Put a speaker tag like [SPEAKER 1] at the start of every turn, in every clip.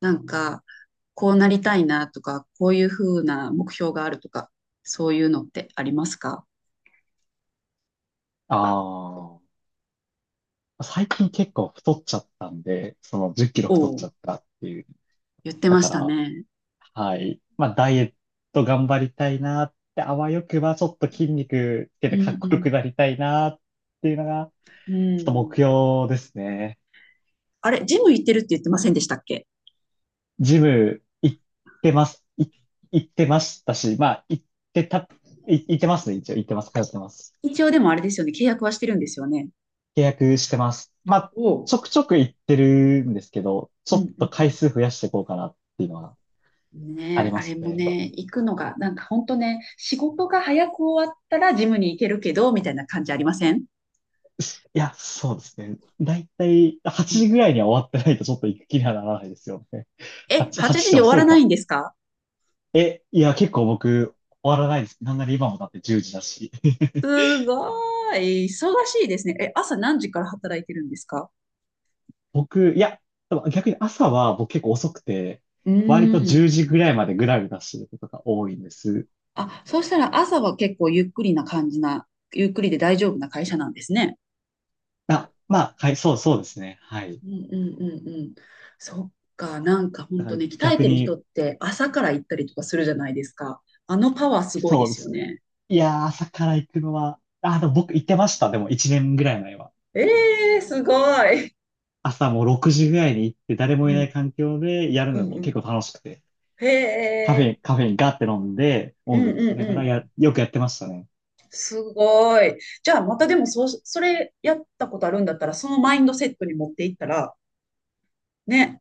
[SPEAKER 1] なんか、こうなりたいなとか、こういうふうな目標があるとか、そういうのってありますか？
[SPEAKER 2] ああ、最近結構太っちゃったんで、その10キロ
[SPEAKER 1] お
[SPEAKER 2] 太っち
[SPEAKER 1] お、
[SPEAKER 2] ゃったっていう。
[SPEAKER 1] 言って
[SPEAKER 2] だ
[SPEAKER 1] ま
[SPEAKER 2] か
[SPEAKER 1] した
[SPEAKER 2] ら、
[SPEAKER 1] ね。
[SPEAKER 2] はい。まあ、ダイエット頑張りたいなって、あわよくばちょっと筋肉つけ
[SPEAKER 1] う
[SPEAKER 2] てかっこよく
[SPEAKER 1] ん
[SPEAKER 2] なりたいなっていうのが、
[SPEAKER 1] うん。う
[SPEAKER 2] ちょっと目
[SPEAKER 1] ん。
[SPEAKER 2] 標ですね。
[SPEAKER 1] あれ、ジム行ってるって言ってませんでしたっけ？
[SPEAKER 2] ジム行ってます。行ってましたし、まあ、行ってた、行ってますね、一応。行ってます。通ってます。
[SPEAKER 1] 一応でもあれですよね、契約はしてるんですよね。
[SPEAKER 2] 契約してます。まあ、
[SPEAKER 1] おう、
[SPEAKER 2] ちょくちょく行ってるんですけど、ち
[SPEAKER 1] う
[SPEAKER 2] ょっ
[SPEAKER 1] ん
[SPEAKER 2] と
[SPEAKER 1] う
[SPEAKER 2] 回
[SPEAKER 1] ん
[SPEAKER 2] 数増やしていこうかなっていうのは
[SPEAKER 1] うん。
[SPEAKER 2] あ
[SPEAKER 1] ね
[SPEAKER 2] り
[SPEAKER 1] え、
[SPEAKER 2] ま
[SPEAKER 1] あれ
[SPEAKER 2] す
[SPEAKER 1] も
[SPEAKER 2] ね。
[SPEAKER 1] ね、行くのが、なんか本当ね、仕事が早く終わったらジムに行けるけど、みたいな感じありません？
[SPEAKER 2] いや、そうですね。だいたい
[SPEAKER 1] う
[SPEAKER 2] 8
[SPEAKER 1] ん。
[SPEAKER 2] 時ぐらいには終わってないとちょっと行く気にはならないですよね。
[SPEAKER 1] え、
[SPEAKER 2] 8、8
[SPEAKER 1] 8
[SPEAKER 2] 時じ
[SPEAKER 1] 時
[SPEAKER 2] じ
[SPEAKER 1] に
[SPEAKER 2] ゃ
[SPEAKER 1] 終わ
[SPEAKER 2] 遅
[SPEAKER 1] ら
[SPEAKER 2] い
[SPEAKER 1] ない
[SPEAKER 2] か。
[SPEAKER 1] んですか？
[SPEAKER 2] え、いや、結構終わらないです。なんなら今もだって10時だし。
[SPEAKER 1] すごい。忙しいですね。え、朝何時から働いてるんですか？
[SPEAKER 2] いや、でも逆に朝は僕結構遅くて、
[SPEAKER 1] うー
[SPEAKER 2] 割と
[SPEAKER 1] ん。
[SPEAKER 2] 10時ぐらいまでぐらぐらしてることが多いんです。
[SPEAKER 1] あ、そうしたら朝は結構ゆっくりで大丈夫な会社なんですね。
[SPEAKER 2] あ、まあ、はい、そう、そうですね。はい。
[SPEAKER 1] うんうんうんうん。そっか、なんか
[SPEAKER 2] だ
[SPEAKER 1] 本
[SPEAKER 2] か
[SPEAKER 1] 当
[SPEAKER 2] ら
[SPEAKER 1] ね、鍛え
[SPEAKER 2] 逆
[SPEAKER 1] てる人
[SPEAKER 2] に、
[SPEAKER 1] って朝から行ったりとかするじゃないですか。あのパワーすごいで
[SPEAKER 2] そうで
[SPEAKER 1] すよ
[SPEAKER 2] すね。
[SPEAKER 1] ね。
[SPEAKER 2] いやー、朝から行くのは、あ、でも僕行ってました。でも1年ぐらい前は。
[SPEAKER 1] えー、すごい。
[SPEAKER 2] 朝もう6時ぐらいに行って誰も
[SPEAKER 1] う
[SPEAKER 2] いない
[SPEAKER 1] ん
[SPEAKER 2] 環境でやる
[SPEAKER 1] う
[SPEAKER 2] の
[SPEAKER 1] んう
[SPEAKER 2] も
[SPEAKER 1] ん。
[SPEAKER 2] 結構楽しくて、
[SPEAKER 1] へ
[SPEAKER 2] カフェ
[SPEAKER 1] え、
[SPEAKER 2] に、カフェインガーって飲んで、
[SPEAKER 1] う
[SPEAKER 2] 音楽
[SPEAKER 1] ん
[SPEAKER 2] 聴
[SPEAKER 1] う
[SPEAKER 2] き
[SPEAKER 1] ん
[SPEAKER 2] ながら
[SPEAKER 1] うん。
[SPEAKER 2] よくやってましたね。
[SPEAKER 1] すごい。じゃあ、またでもそう、それやったことあるんだったら、そのマインドセットに持っていったら、ね。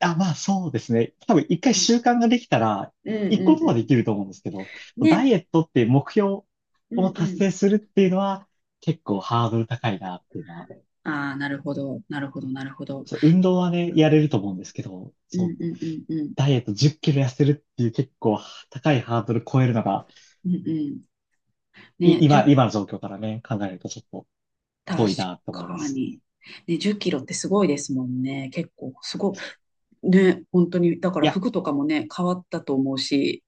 [SPEAKER 2] あ、まあそうですね。多分一回
[SPEAKER 1] うん、
[SPEAKER 2] 習慣ができたら、
[SPEAKER 1] うん、う
[SPEAKER 2] 行個こ
[SPEAKER 1] ん
[SPEAKER 2] とはで
[SPEAKER 1] う
[SPEAKER 2] きると思うんですけど、
[SPEAKER 1] ん。
[SPEAKER 2] ダ
[SPEAKER 1] ね。
[SPEAKER 2] イエットっていう目標
[SPEAKER 1] う
[SPEAKER 2] を
[SPEAKER 1] ん、う
[SPEAKER 2] 達成
[SPEAKER 1] ん。
[SPEAKER 2] するっていうのは結構ハードル高いなっていうのは、
[SPEAKER 1] ああ、なるほど。なるほど、なるほど。
[SPEAKER 2] そう、運動はね、やれると思うんですけど、
[SPEAKER 1] う
[SPEAKER 2] そ
[SPEAKER 1] ん、
[SPEAKER 2] う、
[SPEAKER 1] うん、うん、うん。
[SPEAKER 2] ダイエット10キロ痩せるっていう結構高いハードル超えるのが、
[SPEAKER 1] うん、うん。
[SPEAKER 2] い、
[SPEAKER 1] ね、
[SPEAKER 2] 今、
[SPEAKER 1] 10、
[SPEAKER 2] 今の状況からね、考えるとちょっと
[SPEAKER 1] 確
[SPEAKER 2] 遠いなって思いま
[SPEAKER 1] か
[SPEAKER 2] す。
[SPEAKER 1] に。ね、10キロってすごいですもんね。結構、すごい。ね、本当に。だか
[SPEAKER 2] い
[SPEAKER 1] ら
[SPEAKER 2] や、
[SPEAKER 1] 服とかもね、変わったと思うし。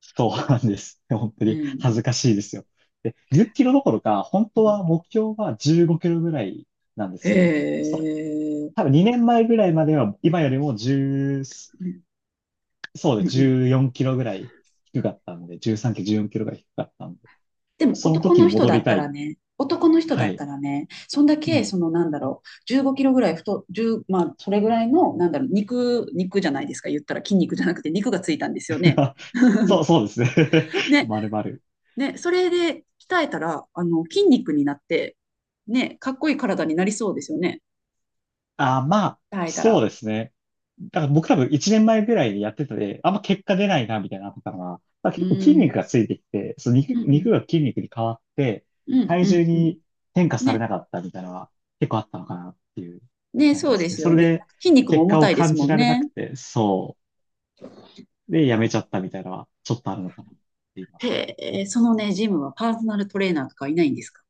[SPEAKER 2] そうなんです。本当
[SPEAKER 1] う
[SPEAKER 2] に恥
[SPEAKER 1] ん、
[SPEAKER 2] ずかしいですよ。で、10キロどころか、本
[SPEAKER 1] う
[SPEAKER 2] 当
[SPEAKER 1] ん。
[SPEAKER 2] は目標は15キロぐらいなんで
[SPEAKER 1] へ
[SPEAKER 2] すよ。それ、
[SPEAKER 1] え。
[SPEAKER 2] 多分2年前ぐらいまでは、今よりも10、
[SPEAKER 1] うん、
[SPEAKER 2] そ
[SPEAKER 1] う
[SPEAKER 2] う
[SPEAKER 1] ん、
[SPEAKER 2] です、
[SPEAKER 1] うん。
[SPEAKER 2] 14キロぐらい低かったので、13キロ、14キロが低かったので、
[SPEAKER 1] でも
[SPEAKER 2] その
[SPEAKER 1] 男
[SPEAKER 2] 時に
[SPEAKER 1] の人
[SPEAKER 2] 戻
[SPEAKER 1] だ
[SPEAKER 2] り
[SPEAKER 1] った
[SPEAKER 2] た
[SPEAKER 1] ら
[SPEAKER 2] い。
[SPEAKER 1] ね、男の人だ
[SPEAKER 2] は
[SPEAKER 1] っ
[SPEAKER 2] い。
[SPEAKER 1] たらね、そんだ
[SPEAKER 2] う
[SPEAKER 1] け、
[SPEAKER 2] ん。
[SPEAKER 1] そのなんだろう、15キロぐらい太、1まあ、それぐらいの、なんだろう、肉じゃないですか、言ったら筋肉じゃなくて肉がついたんですよね。
[SPEAKER 2] そう、そうですね。
[SPEAKER 1] ね、
[SPEAKER 2] まるまる。
[SPEAKER 1] ね、それで鍛えたら、あの、筋肉になって、ね、かっこいい体になりそうですよね、
[SPEAKER 2] あ、まあ、
[SPEAKER 1] 鍛えた
[SPEAKER 2] そう
[SPEAKER 1] ら。
[SPEAKER 2] ですね。だから僕多分1年前ぐらいでやってたで、あんま結果出ないな、みたいなのあったのが、まあ、
[SPEAKER 1] う
[SPEAKER 2] 結構筋
[SPEAKER 1] ー
[SPEAKER 2] 肉
[SPEAKER 1] ん、
[SPEAKER 2] がついてきて、その肉、
[SPEAKER 1] うん、うん、
[SPEAKER 2] 肉が筋肉に変わって、
[SPEAKER 1] うん、
[SPEAKER 2] 体
[SPEAKER 1] う
[SPEAKER 2] 重
[SPEAKER 1] んうん。
[SPEAKER 2] に変化され
[SPEAKER 1] ね、
[SPEAKER 2] なかったみたいなのは結構あったのかなっていう、
[SPEAKER 1] ね、
[SPEAKER 2] なり
[SPEAKER 1] そ
[SPEAKER 2] ま
[SPEAKER 1] うで
[SPEAKER 2] すね。
[SPEAKER 1] す
[SPEAKER 2] そ
[SPEAKER 1] よ
[SPEAKER 2] れ
[SPEAKER 1] ね。
[SPEAKER 2] で
[SPEAKER 1] 筋肉も
[SPEAKER 2] 結
[SPEAKER 1] 重
[SPEAKER 2] 果を
[SPEAKER 1] たいで
[SPEAKER 2] 感
[SPEAKER 1] す
[SPEAKER 2] じ
[SPEAKER 1] もん
[SPEAKER 2] られなく
[SPEAKER 1] ね。
[SPEAKER 2] て、そう。で、やめちゃったみたいなのはちょっとあるのかなっていうのは。
[SPEAKER 1] へえ、そのね、ジムはパーソナルトレーナーとかいないんですか？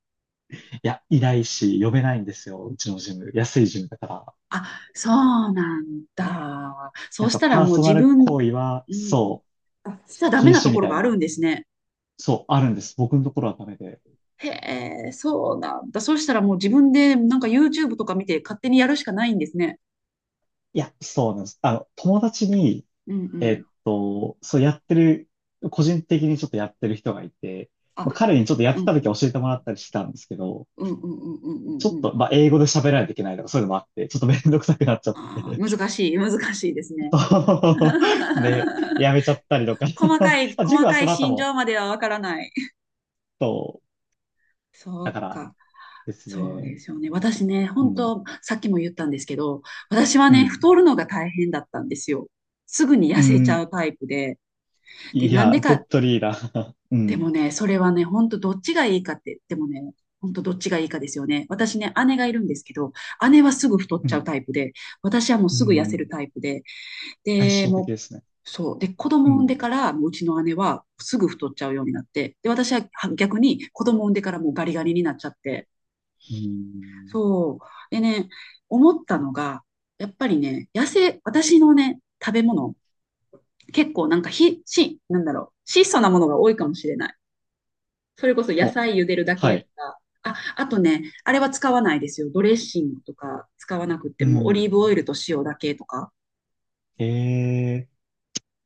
[SPEAKER 2] いや、いないし、呼べないんですよ。うちのジム。安いジムだから。
[SPEAKER 1] あ、そうなんだ。そ
[SPEAKER 2] な
[SPEAKER 1] う
[SPEAKER 2] ん
[SPEAKER 1] し
[SPEAKER 2] か
[SPEAKER 1] たら
[SPEAKER 2] パー
[SPEAKER 1] もう
[SPEAKER 2] ソナ
[SPEAKER 1] 自
[SPEAKER 2] ル
[SPEAKER 1] 分、
[SPEAKER 2] 行為は、
[SPEAKER 1] うん、
[SPEAKER 2] そう、
[SPEAKER 1] あ、しちゃダ
[SPEAKER 2] 禁
[SPEAKER 1] メな
[SPEAKER 2] 止
[SPEAKER 1] と
[SPEAKER 2] み
[SPEAKER 1] ころ
[SPEAKER 2] たい
[SPEAKER 1] があるん
[SPEAKER 2] な、
[SPEAKER 1] ですね。
[SPEAKER 2] そう、あるんです。僕のところはダメで。
[SPEAKER 1] へえ、そうなんだ。そうしたらもう自分でなんか YouTube とか見て勝手にやるしかないんですね。
[SPEAKER 2] いや、そうなんです。あの、友達に、
[SPEAKER 1] うんうん。
[SPEAKER 2] そうやってる、個人的にちょっとやってる人がいて、まあ、
[SPEAKER 1] あ、
[SPEAKER 2] 彼にちょっとやっ
[SPEAKER 1] うん
[SPEAKER 2] て
[SPEAKER 1] う
[SPEAKER 2] た時
[SPEAKER 1] ん。
[SPEAKER 2] は教えてもらったりしたんですけど、
[SPEAKER 1] うんうんうんうんうん
[SPEAKER 2] ちょっ
[SPEAKER 1] うん。
[SPEAKER 2] と、まあ、英語で喋らないといけないとか、そういうのもあって、ちょっとめんどくさくなっちゃっ
[SPEAKER 1] ああ
[SPEAKER 2] て、
[SPEAKER 1] 難しい、難しいですね。
[SPEAKER 2] で、やめちゃったりとか。
[SPEAKER 1] 細 かい、
[SPEAKER 2] あジ
[SPEAKER 1] 細
[SPEAKER 2] ム は
[SPEAKER 1] か
[SPEAKER 2] そ
[SPEAKER 1] い
[SPEAKER 2] の後
[SPEAKER 1] 心
[SPEAKER 2] も、
[SPEAKER 1] 情まではわからない。
[SPEAKER 2] そう、
[SPEAKER 1] そ
[SPEAKER 2] だか
[SPEAKER 1] う
[SPEAKER 2] ら
[SPEAKER 1] か。
[SPEAKER 2] です
[SPEAKER 1] そう
[SPEAKER 2] ね、
[SPEAKER 1] ですよね。私ね、
[SPEAKER 2] う
[SPEAKER 1] 本
[SPEAKER 2] ん、
[SPEAKER 1] 当、さっきも言ったんですけど、私は
[SPEAKER 2] う
[SPEAKER 1] ね、
[SPEAKER 2] ん、
[SPEAKER 1] 太るのが大変だったんですよ。すぐに
[SPEAKER 2] う
[SPEAKER 1] 痩せちゃ
[SPEAKER 2] ん、
[SPEAKER 1] うタイプで。で、
[SPEAKER 2] い
[SPEAKER 1] なん
[SPEAKER 2] や、
[SPEAKER 1] でか、
[SPEAKER 2] 本当にいーな。う
[SPEAKER 1] でも
[SPEAKER 2] ん、
[SPEAKER 1] ね、それはね、本当どっちがいいかって、でもね、本当どっちがいいかですよね。私ね、姉がいるんですけど、姉はすぐ太っ
[SPEAKER 2] う
[SPEAKER 1] ちゃう
[SPEAKER 2] ん、
[SPEAKER 1] タイプで、私はもう
[SPEAKER 2] う
[SPEAKER 1] すぐ痩せる
[SPEAKER 2] ん、
[SPEAKER 1] タイプで、
[SPEAKER 2] 対
[SPEAKER 1] で、
[SPEAKER 2] 照的
[SPEAKER 1] もう、
[SPEAKER 2] ですね。
[SPEAKER 1] そう。で、子
[SPEAKER 2] う
[SPEAKER 1] 供産んで
[SPEAKER 2] ん。
[SPEAKER 1] から、もううちの姉はすぐ太っちゃうようになって、で、私は逆に子供産んでからもうガリガリになっちゃって、
[SPEAKER 2] うん。
[SPEAKER 1] そう。でね、思ったのが、やっぱりね、野生、私のね、食べ物、結構なんかなんだろう、質素なものが多いかもしれない。それこそ野
[SPEAKER 2] あ、
[SPEAKER 1] 菜茹でるだ
[SPEAKER 2] は
[SPEAKER 1] けと
[SPEAKER 2] い。
[SPEAKER 1] か、あ、あとね、あれは使わないですよ。ドレッシングとか使わなくっ
[SPEAKER 2] う
[SPEAKER 1] ても、オリ
[SPEAKER 2] ん。
[SPEAKER 1] ーブオイルと塩だけとか。
[SPEAKER 2] ええ、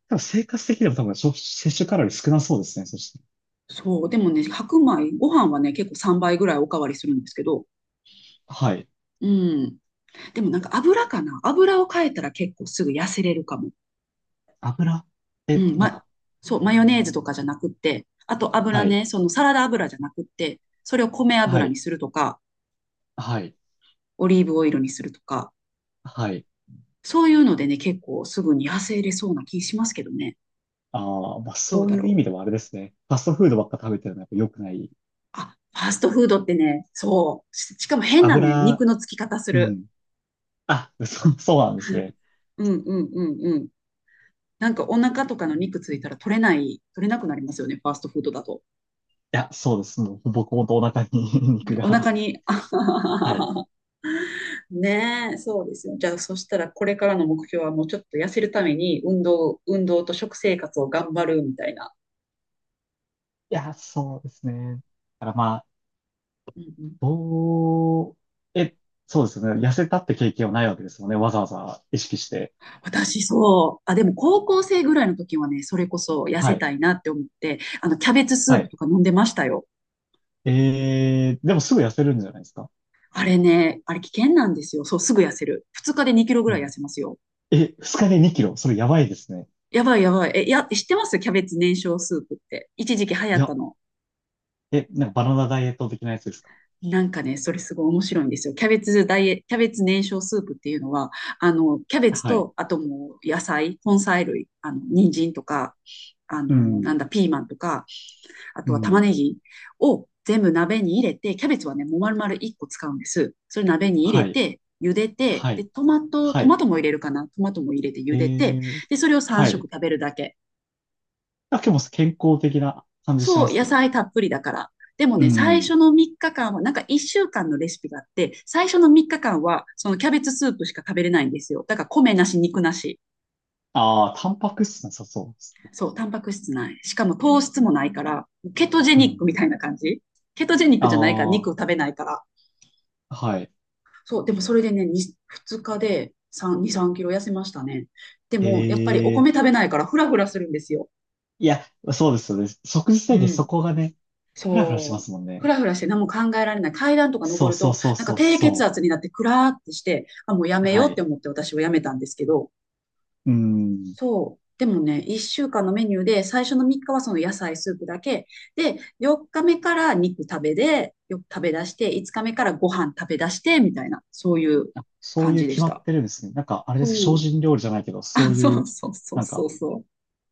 [SPEAKER 2] で生活的にも多分、摂取カロリー少なそうですね。そして。
[SPEAKER 1] そう、でもね、白米、ご飯はね、結構3倍ぐらいおかわりするんですけど、
[SPEAKER 2] はい。
[SPEAKER 1] うん。でもなんか油かな。油を変えたら結構すぐ痩せれるかも。
[SPEAKER 2] 油、
[SPEAKER 1] う
[SPEAKER 2] え、
[SPEAKER 1] ん、
[SPEAKER 2] なん
[SPEAKER 1] ま、
[SPEAKER 2] か、
[SPEAKER 1] そう、マヨネーズとかじゃなくって、あと油
[SPEAKER 2] はい。
[SPEAKER 1] ね、そのサラダ油じゃなくって、それを米
[SPEAKER 2] は
[SPEAKER 1] 油に
[SPEAKER 2] い。
[SPEAKER 1] するとか、
[SPEAKER 2] はい。
[SPEAKER 1] オリーブオイルにするとか、
[SPEAKER 2] はい。
[SPEAKER 1] そういうのでね、結構すぐに痩せれそうな気しますけどね。
[SPEAKER 2] ああ、まあ
[SPEAKER 1] どう
[SPEAKER 2] そう
[SPEAKER 1] だ
[SPEAKER 2] いう意
[SPEAKER 1] ろう。
[SPEAKER 2] 味ではあれですね。ファストフードばっか食べてるのはやっぱ良くない。
[SPEAKER 1] あ、ファーストフードってね、そう。し、しかも変なね、
[SPEAKER 2] 油、
[SPEAKER 1] 肉のつき方す
[SPEAKER 2] う
[SPEAKER 1] る。
[SPEAKER 2] ん。あ、そう、そうなんです ね。
[SPEAKER 1] うんうんうんうん。なんかお腹とかの肉ついたら取れなくなりますよね、ファーストフードだと。
[SPEAKER 2] いや、そうです。もう、僕もとお腹に 肉
[SPEAKER 1] お腹
[SPEAKER 2] が。
[SPEAKER 1] に、
[SPEAKER 2] はい。
[SPEAKER 1] ねえ、そうですよ。じゃあ、そしたらこれからの目標はもうちょっと痩せるために運動と食生活を頑張るみたいな。
[SPEAKER 2] いや、そうですね。だからまあ、
[SPEAKER 1] うんうん、
[SPEAKER 2] おー、え、そうですね。痩せたって経験はないわけですもんね。わざわざ意識して。
[SPEAKER 1] 私そう。あ、でも高校生ぐらいの時はね、それこそ痩
[SPEAKER 2] は
[SPEAKER 1] せ
[SPEAKER 2] い。
[SPEAKER 1] たいなって思って、あの、キャベツスー
[SPEAKER 2] は
[SPEAKER 1] プ
[SPEAKER 2] い。
[SPEAKER 1] とか飲んでましたよ。
[SPEAKER 2] でもすぐ痩せるんじゃないですか。
[SPEAKER 1] あれね、あれ危険なんですよ。そう、すぐ痩せる。2日で2キロぐ
[SPEAKER 2] う
[SPEAKER 1] らい痩
[SPEAKER 2] ん。
[SPEAKER 1] せますよ。
[SPEAKER 2] え、二日で2キロ。それやばいですね。
[SPEAKER 1] やばいやばい。え、や、知ってます？キャベツ燃焼スープって。一時期流行
[SPEAKER 2] い
[SPEAKER 1] った
[SPEAKER 2] や、
[SPEAKER 1] の。
[SPEAKER 2] え、なんかバナナダイエット的なやつですか。
[SPEAKER 1] なんかね、それすごい面白いんですよ。キャベツ燃焼スープっていうのは、あの、キャベツ
[SPEAKER 2] はい。
[SPEAKER 1] と、あともう野菜、根菜類、あの、人参とか、あ
[SPEAKER 2] う
[SPEAKER 1] の、な
[SPEAKER 2] ん。
[SPEAKER 1] んだ、ピーマンとか、あ
[SPEAKER 2] う
[SPEAKER 1] とは玉ね
[SPEAKER 2] ん。
[SPEAKER 1] ぎを全部鍋に入れて、キャベツはね、もう丸々1個使うんです。それ鍋に入れ
[SPEAKER 2] はい。
[SPEAKER 1] て、茹でて、
[SPEAKER 2] は
[SPEAKER 1] で、
[SPEAKER 2] い。
[SPEAKER 1] トマト、
[SPEAKER 2] は
[SPEAKER 1] トマ
[SPEAKER 2] い。
[SPEAKER 1] トも入れるかな。トマトも入れて茹
[SPEAKER 2] え
[SPEAKER 1] でて、
[SPEAKER 2] ー、
[SPEAKER 1] で、それを3
[SPEAKER 2] はい。
[SPEAKER 1] 食食べるだけ。
[SPEAKER 2] だけど健康的な感じしま
[SPEAKER 1] そう、
[SPEAKER 2] す
[SPEAKER 1] 野
[SPEAKER 2] けど
[SPEAKER 1] 菜
[SPEAKER 2] ね。
[SPEAKER 1] たっぷりだから。でも
[SPEAKER 2] う
[SPEAKER 1] ね、最
[SPEAKER 2] ん。
[SPEAKER 1] 初の3日間は、なんか1週間のレシピがあって、最初の3日間は、そのキャベツスープしか食べれないんですよ。だから米なし、肉なし。
[SPEAKER 2] ああ、タンパク質なさそうです。
[SPEAKER 1] そう、タンパク質ない。しかも糖質もないから、ケトジェ
[SPEAKER 2] う
[SPEAKER 1] ニック
[SPEAKER 2] ん。
[SPEAKER 1] みたいな感じ。ケトジェニックじゃないから、
[SPEAKER 2] あ
[SPEAKER 1] 肉を
[SPEAKER 2] あ、
[SPEAKER 1] 食べないから。
[SPEAKER 2] はい。
[SPEAKER 1] そう、でもそれでね、2、日で3、2、3キロ痩せましたね。でも、やっぱりお
[SPEAKER 2] え
[SPEAKER 1] 米
[SPEAKER 2] ー、
[SPEAKER 1] 食べないから、フラフラするんですよ。
[SPEAKER 2] いや、そうですよね。即時
[SPEAKER 1] う
[SPEAKER 2] 制限、そ
[SPEAKER 1] ん。
[SPEAKER 2] こがね、フラフラしま
[SPEAKER 1] そう。
[SPEAKER 2] すもん
[SPEAKER 1] ふ
[SPEAKER 2] ね。
[SPEAKER 1] らふらして何も考えられない。階段とか
[SPEAKER 2] そ
[SPEAKER 1] 登
[SPEAKER 2] う、
[SPEAKER 1] る
[SPEAKER 2] そう、
[SPEAKER 1] と、
[SPEAKER 2] そう、
[SPEAKER 1] なんか
[SPEAKER 2] そう、
[SPEAKER 1] 低血
[SPEAKER 2] そ
[SPEAKER 1] 圧になってクラーってして、あ、もうや
[SPEAKER 2] う。
[SPEAKER 1] めよ
[SPEAKER 2] は
[SPEAKER 1] うって
[SPEAKER 2] い。
[SPEAKER 1] 思って私はやめたんですけど、
[SPEAKER 2] うん。
[SPEAKER 1] そう。でもね、1週間のメニューで、最初の3日はその野菜スープだけ。で、4日目から肉食べで、よく食べ出して、5日目からご飯食べ出して、みたいな、そういう
[SPEAKER 2] あ、そう
[SPEAKER 1] 感
[SPEAKER 2] いう
[SPEAKER 1] じで
[SPEAKER 2] 決
[SPEAKER 1] し
[SPEAKER 2] まっ
[SPEAKER 1] た。
[SPEAKER 2] てるんですね。なんか、あれで
[SPEAKER 1] そ
[SPEAKER 2] す。精
[SPEAKER 1] う。
[SPEAKER 2] 進料理じゃないけど、そ
[SPEAKER 1] あ、
[SPEAKER 2] うい
[SPEAKER 1] そう
[SPEAKER 2] う、
[SPEAKER 1] そうそう
[SPEAKER 2] なん
[SPEAKER 1] そ
[SPEAKER 2] か、
[SPEAKER 1] うそう。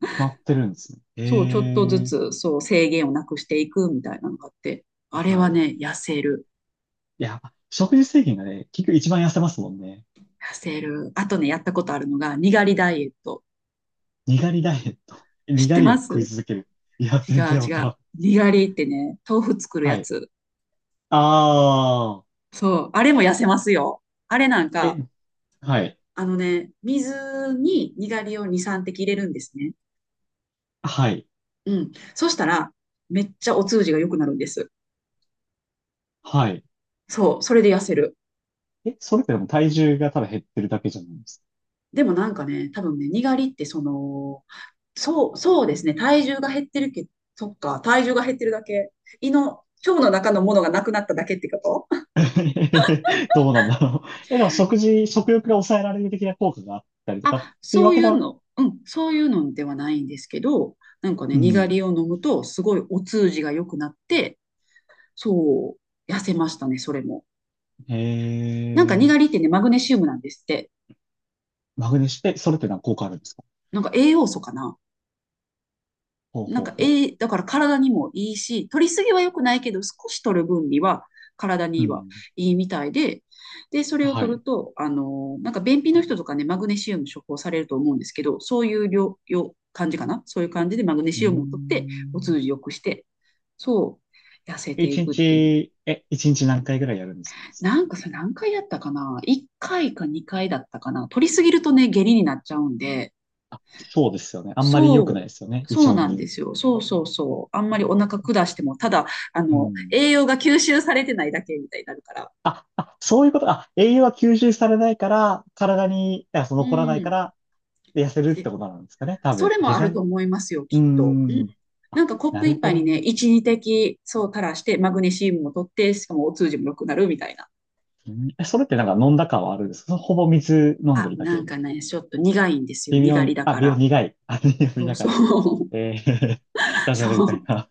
[SPEAKER 2] 決まってるんですね。
[SPEAKER 1] そう、ちょっとず
[SPEAKER 2] え
[SPEAKER 1] つ、
[SPEAKER 2] え、
[SPEAKER 1] そう、制限をなくしていくみたいなのがあって、あれ
[SPEAKER 2] は
[SPEAKER 1] は
[SPEAKER 2] い。
[SPEAKER 1] ね、痩せる。
[SPEAKER 2] いや、食事制限がね、結局一番痩せますもんね。
[SPEAKER 1] 痩せる。あとね、やったことあるのが、にがりダイエット。
[SPEAKER 2] にがりダイエット。
[SPEAKER 1] 知
[SPEAKER 2] に
[SPEAKER 1] っ
[SPEAKER 2] が
[SPEAKER 1] て
[SPEAKER 2] りを
[SPEAKER 1] ま
[SPEAKER 2] 食い
[SPEAKER 1] す？
[SPEAKER 2] 続ける。いや、
[SPEAKER 1] 違う
[SPEAKER 2] 全然わ
[SPEAKER 1] 違
[SPEAKER 2] から
[SPEAKER 1] う。
[SPEAKER 2] ん。
[SPEAKER 1] にがりってね、豆腐作る
[SPEAKER 2] は
[SPEAKER 1] や
[SPEAKER 2] い。
[SPEAKER 1] つ。
[SPEAKER 2] ああ。
[SPEAKER 1] そう。あれも痩せますよ。あれなん
[SPEAKER 2] え、
[SPEAKER 1] か、
[SPEAKER 2] はい。
[SPEAKER 1] あのね、水ににがりを2、3滴入れるんですね。
[SPEAKER 2] はい。
[SPEAKER 1] うん。そしたら、めっちゃお通じが良くなるんです。
[SPEAKER 2] はい。
[SPEAKER 1] そう。それで痩せる。
[SPEAKER 2] え、それってでも体重がただ減ってるだけじゃないですか。
[SPEAKER 1] でもなんかね、多分ね、にがりってその、そう、そうですね。体重が減ってるけど、そっか、体重が減ってるだけ。胃の、腸の中のものがなくなっただけってこと？
[SPEAKER 2] どうなんだろう。え、でも食事、食欲が抑えられる的な効果があったりとかっ
[SPEAKER 1] あ、
[SPEAKER 2] ていう
[SPEAKER 1] そ
[SPEAKER 2] わ
[SPEAKER 1] うい
[SPEAKER 2] けで
[SPEAKER 1] う
[SPEAKER 2] は、
[SPEAKER 1] の、うん、そういうのではないんですけど、なんかね、
[SPEAKER 2] う
[SPEAKER 1] にが
[SPEAKER 2] ん。
[SPEAKER 1] りを飲むと、すごいお通じが良くなって、そう、痩せましたね、それも。
[SPEAKER 2] へ
[SPEAKER 1] なんかにがりっ
[SPEAKER 2] え、
[SPEAKER 1] てね、マグネシウムなんですって。
[SPEAKER 2] マグネシウム、え、それって何か効果あるんですか。
[SPEAKER 1] なんか栄養素かな。
[SPEAKER 2] ほう
[SPEAKER 1] なん
[SPEAKER 2] ほう
[SPEAKER 1] か、
[SPEAKER 2] ほう
[SPEAKER 1] え
[SPEAKER 2] ほ
[SPEAKER 1] えだから体にもいいし、取りすぎは良くないけど、少し取る分には体
[SPEAKER 2] う。う
[SPEAKER 1] には
[SPEAKER 2] ん。
[SPEAKER 1] いいみたいで、で、それを
[SPEAKER 2] はい。
[SPEAKER 1] 取る
[SPEAKER 2] う
[SPEAKER 1] と、なんか便秘の人とかね、マグネシウム処方されると思うんですけど、そういう量感じかな、そういう感じでマグネ
[SPEAKER 2] ー
[SPEAKER 1] シウムを取って、お
[SPEAKER 2] ん。
[SPEAKER 1] 通じ良くして、そう、痩せて
[SPEAKER 2] 一
[SPEAKER 1] いくっていうの。
[SPEAKER 2] 日、え、一日何回ぐらいやるんですか。
[SPEAKER 1] なんかさ、何回やったかな？ 1 回か2回だったかな。取りすぎるとね、下痢になっちゃうんで、
[SPEAKER 2] あ、そうですよね。あんまり良
[SPEAKER 1] そ
[SPEAKER 2] くないで
[SPEAKER 1] う、
[SPEAKER 2] すよね。胃
[SPEAKER 1] そう
[SPEAKER 2] 腸
[SPEAKER 1] なんで
[SPEAKER 2] に。
[SPEAKER 1] すよ。そうそうそう。あんまりお腹下しても、ただ、あ
[SPEAKER 2] う
[SPEAKER 1] の、
[SPEAKER 2] ん。
[SPEAKER 1] 栄養が吸収されてないだけみたいになるから。
[SPEAKER 2] あ、あ、そういうこと。あ、栄養は吸収されないから、体に、あ、そ
[SPEAKER 1] う
[SPEAKER 2] の残らないか
[SPEAKER 1] ん。
[SPEAKER 2] ら、で痩せるっ
[SPEAKER 1] で
[SPEAKER 2] てことなんですかね。多
[SPEAKER 1] そ
[SPEAKER 2] 分。
[SPEAKER 1] れ
[SPEAKER 2] 下
[SPEAKER 1] もある
[SPEAKER 2] 剤。
[SPEAKER 1] と
[SPEAKER 2] う
[SPEAKER 1] 思いますよ、
[SPEAKER 2] ー
[SPEAKER 1] きっと。うん。
[SPEAKER 2] ん。あ、
[SPEAKER 1] なんかコッ
[SPEAKER 2] な
[SPEAKER 1] プ
[SPEAKER 2] る
[SPEAKER 1] 一
[SPEAKER 2] ほ
[SPEAKER 1] 杯
[SPEAKER 2] ど
[SPEAKER 1] にね、
[SPEAKER 2] ね。
[SPEAKER 1] 一二滴、そう垂らして、マグネシウムも取って、しかもお通じも良くなるみたいな。
[SPEAKER 2] うん、え、それってなんか飲んだ感はあるんですか。ほぼ水飲んで
[SPEAKER 1] あ、
[SPEAKER 2] るだ
[SPEAKER 1] な
[SPEAKER 2] け。
[SPEAKER 1] んかね、ちょっと苦いんですよ、
[SPEAKER 2] 微妙
[SPEAKER 1] 苦り
[SPEAKER 2] に、
[SPEAKER 1] だ
[SPEAKER 2] あ、
[SPEAKER 1] か
[SPEAKER 2] 微妙に
[SPEAKER 1] ら。
[SPEAKER 2] 苦い。あ、微妙に
[SPEAKER 1] そう
[SPEAKER 2] だか
[SPEAKER 1] そ
[SPEAKER 2] ら。
[SPEAKER 1] う。
[SPEAKER 2] えー、ダジャレ
[SPEAKER 1] そ
[SPEAKER 2] みたい
[SPEAKER 1] う、
[SPEAKER 2] な。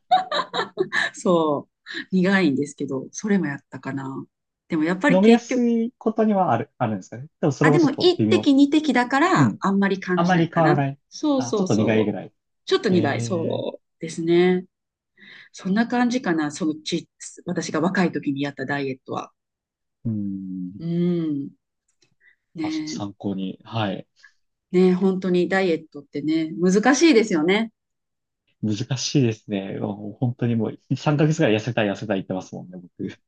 [SPEAKER 1] そう。苦いんですけど、それもやったかな。でもやっぱり
[SPEAKER 2] 飲みや
[SPEAKER 1] 結
[SPEAKER 2] す
[SPEAKER 1] 局、
[SPEAKER 2] いことにはある、あるんですかね。でもそ
[SPEAKER 1] あ、
[SPEAKER 2] れ
[SPEAKER 1] で
[SPEAKER 2] もちょ
[SPEAKER 1] も
[SPEAKER 2] っと
[SPEAKER 1] 一
[SPEAKER 2] 微妙。
[SPEAKER 1] 滴二滴だか
[SPEAKER 2] う
[SPEAKER 1] ら
[SPEAKER 2] ん。
[SPEAKER 1] あんまり感
[SPEAKER 2] あん
[SPEAKER 1] じ
[SPEAKER 2] ま
[SPEAKER 1] ない
[SPEAKER 2] り
[SPEAKER 1] か
[SPEAKER 2] 変わら
[SPEAKER 1] な。
[SPEAKER 2] ない。
[SPEAKER 1] そう
[SPEAKER 2] あ、ち
[SPEAKER 1] そ
[SPEAKER 2] ょ
[SPEAKER 1] う
[SPEAKER 2] っと苦いぐ
[SPEAKER 1] そう。
[SPEAKER 2] らい。
[SPEAKER 1] ちょっと苦い、
[SPEAKER 2] え
[SPEAKER 1] そうですね。そんな感じかな、そのち、私が若い時にやったダイエットは。
[SPEAKER 2] うん。
[SPEAKER 1] うん。ね
[SPEAKER 2] あ、ちょっと
[SPEAKER 1] え、
[SPEAKER 2] 参考に。はい。
[SPEAKER 1] ねえ、本当にダイエットってね、難しいですよね。
[SPEAKER 2] 難しいですね。もう本当にもう3ヶ月ぐらい痩せたい痩せたい言ってますもんね、僕。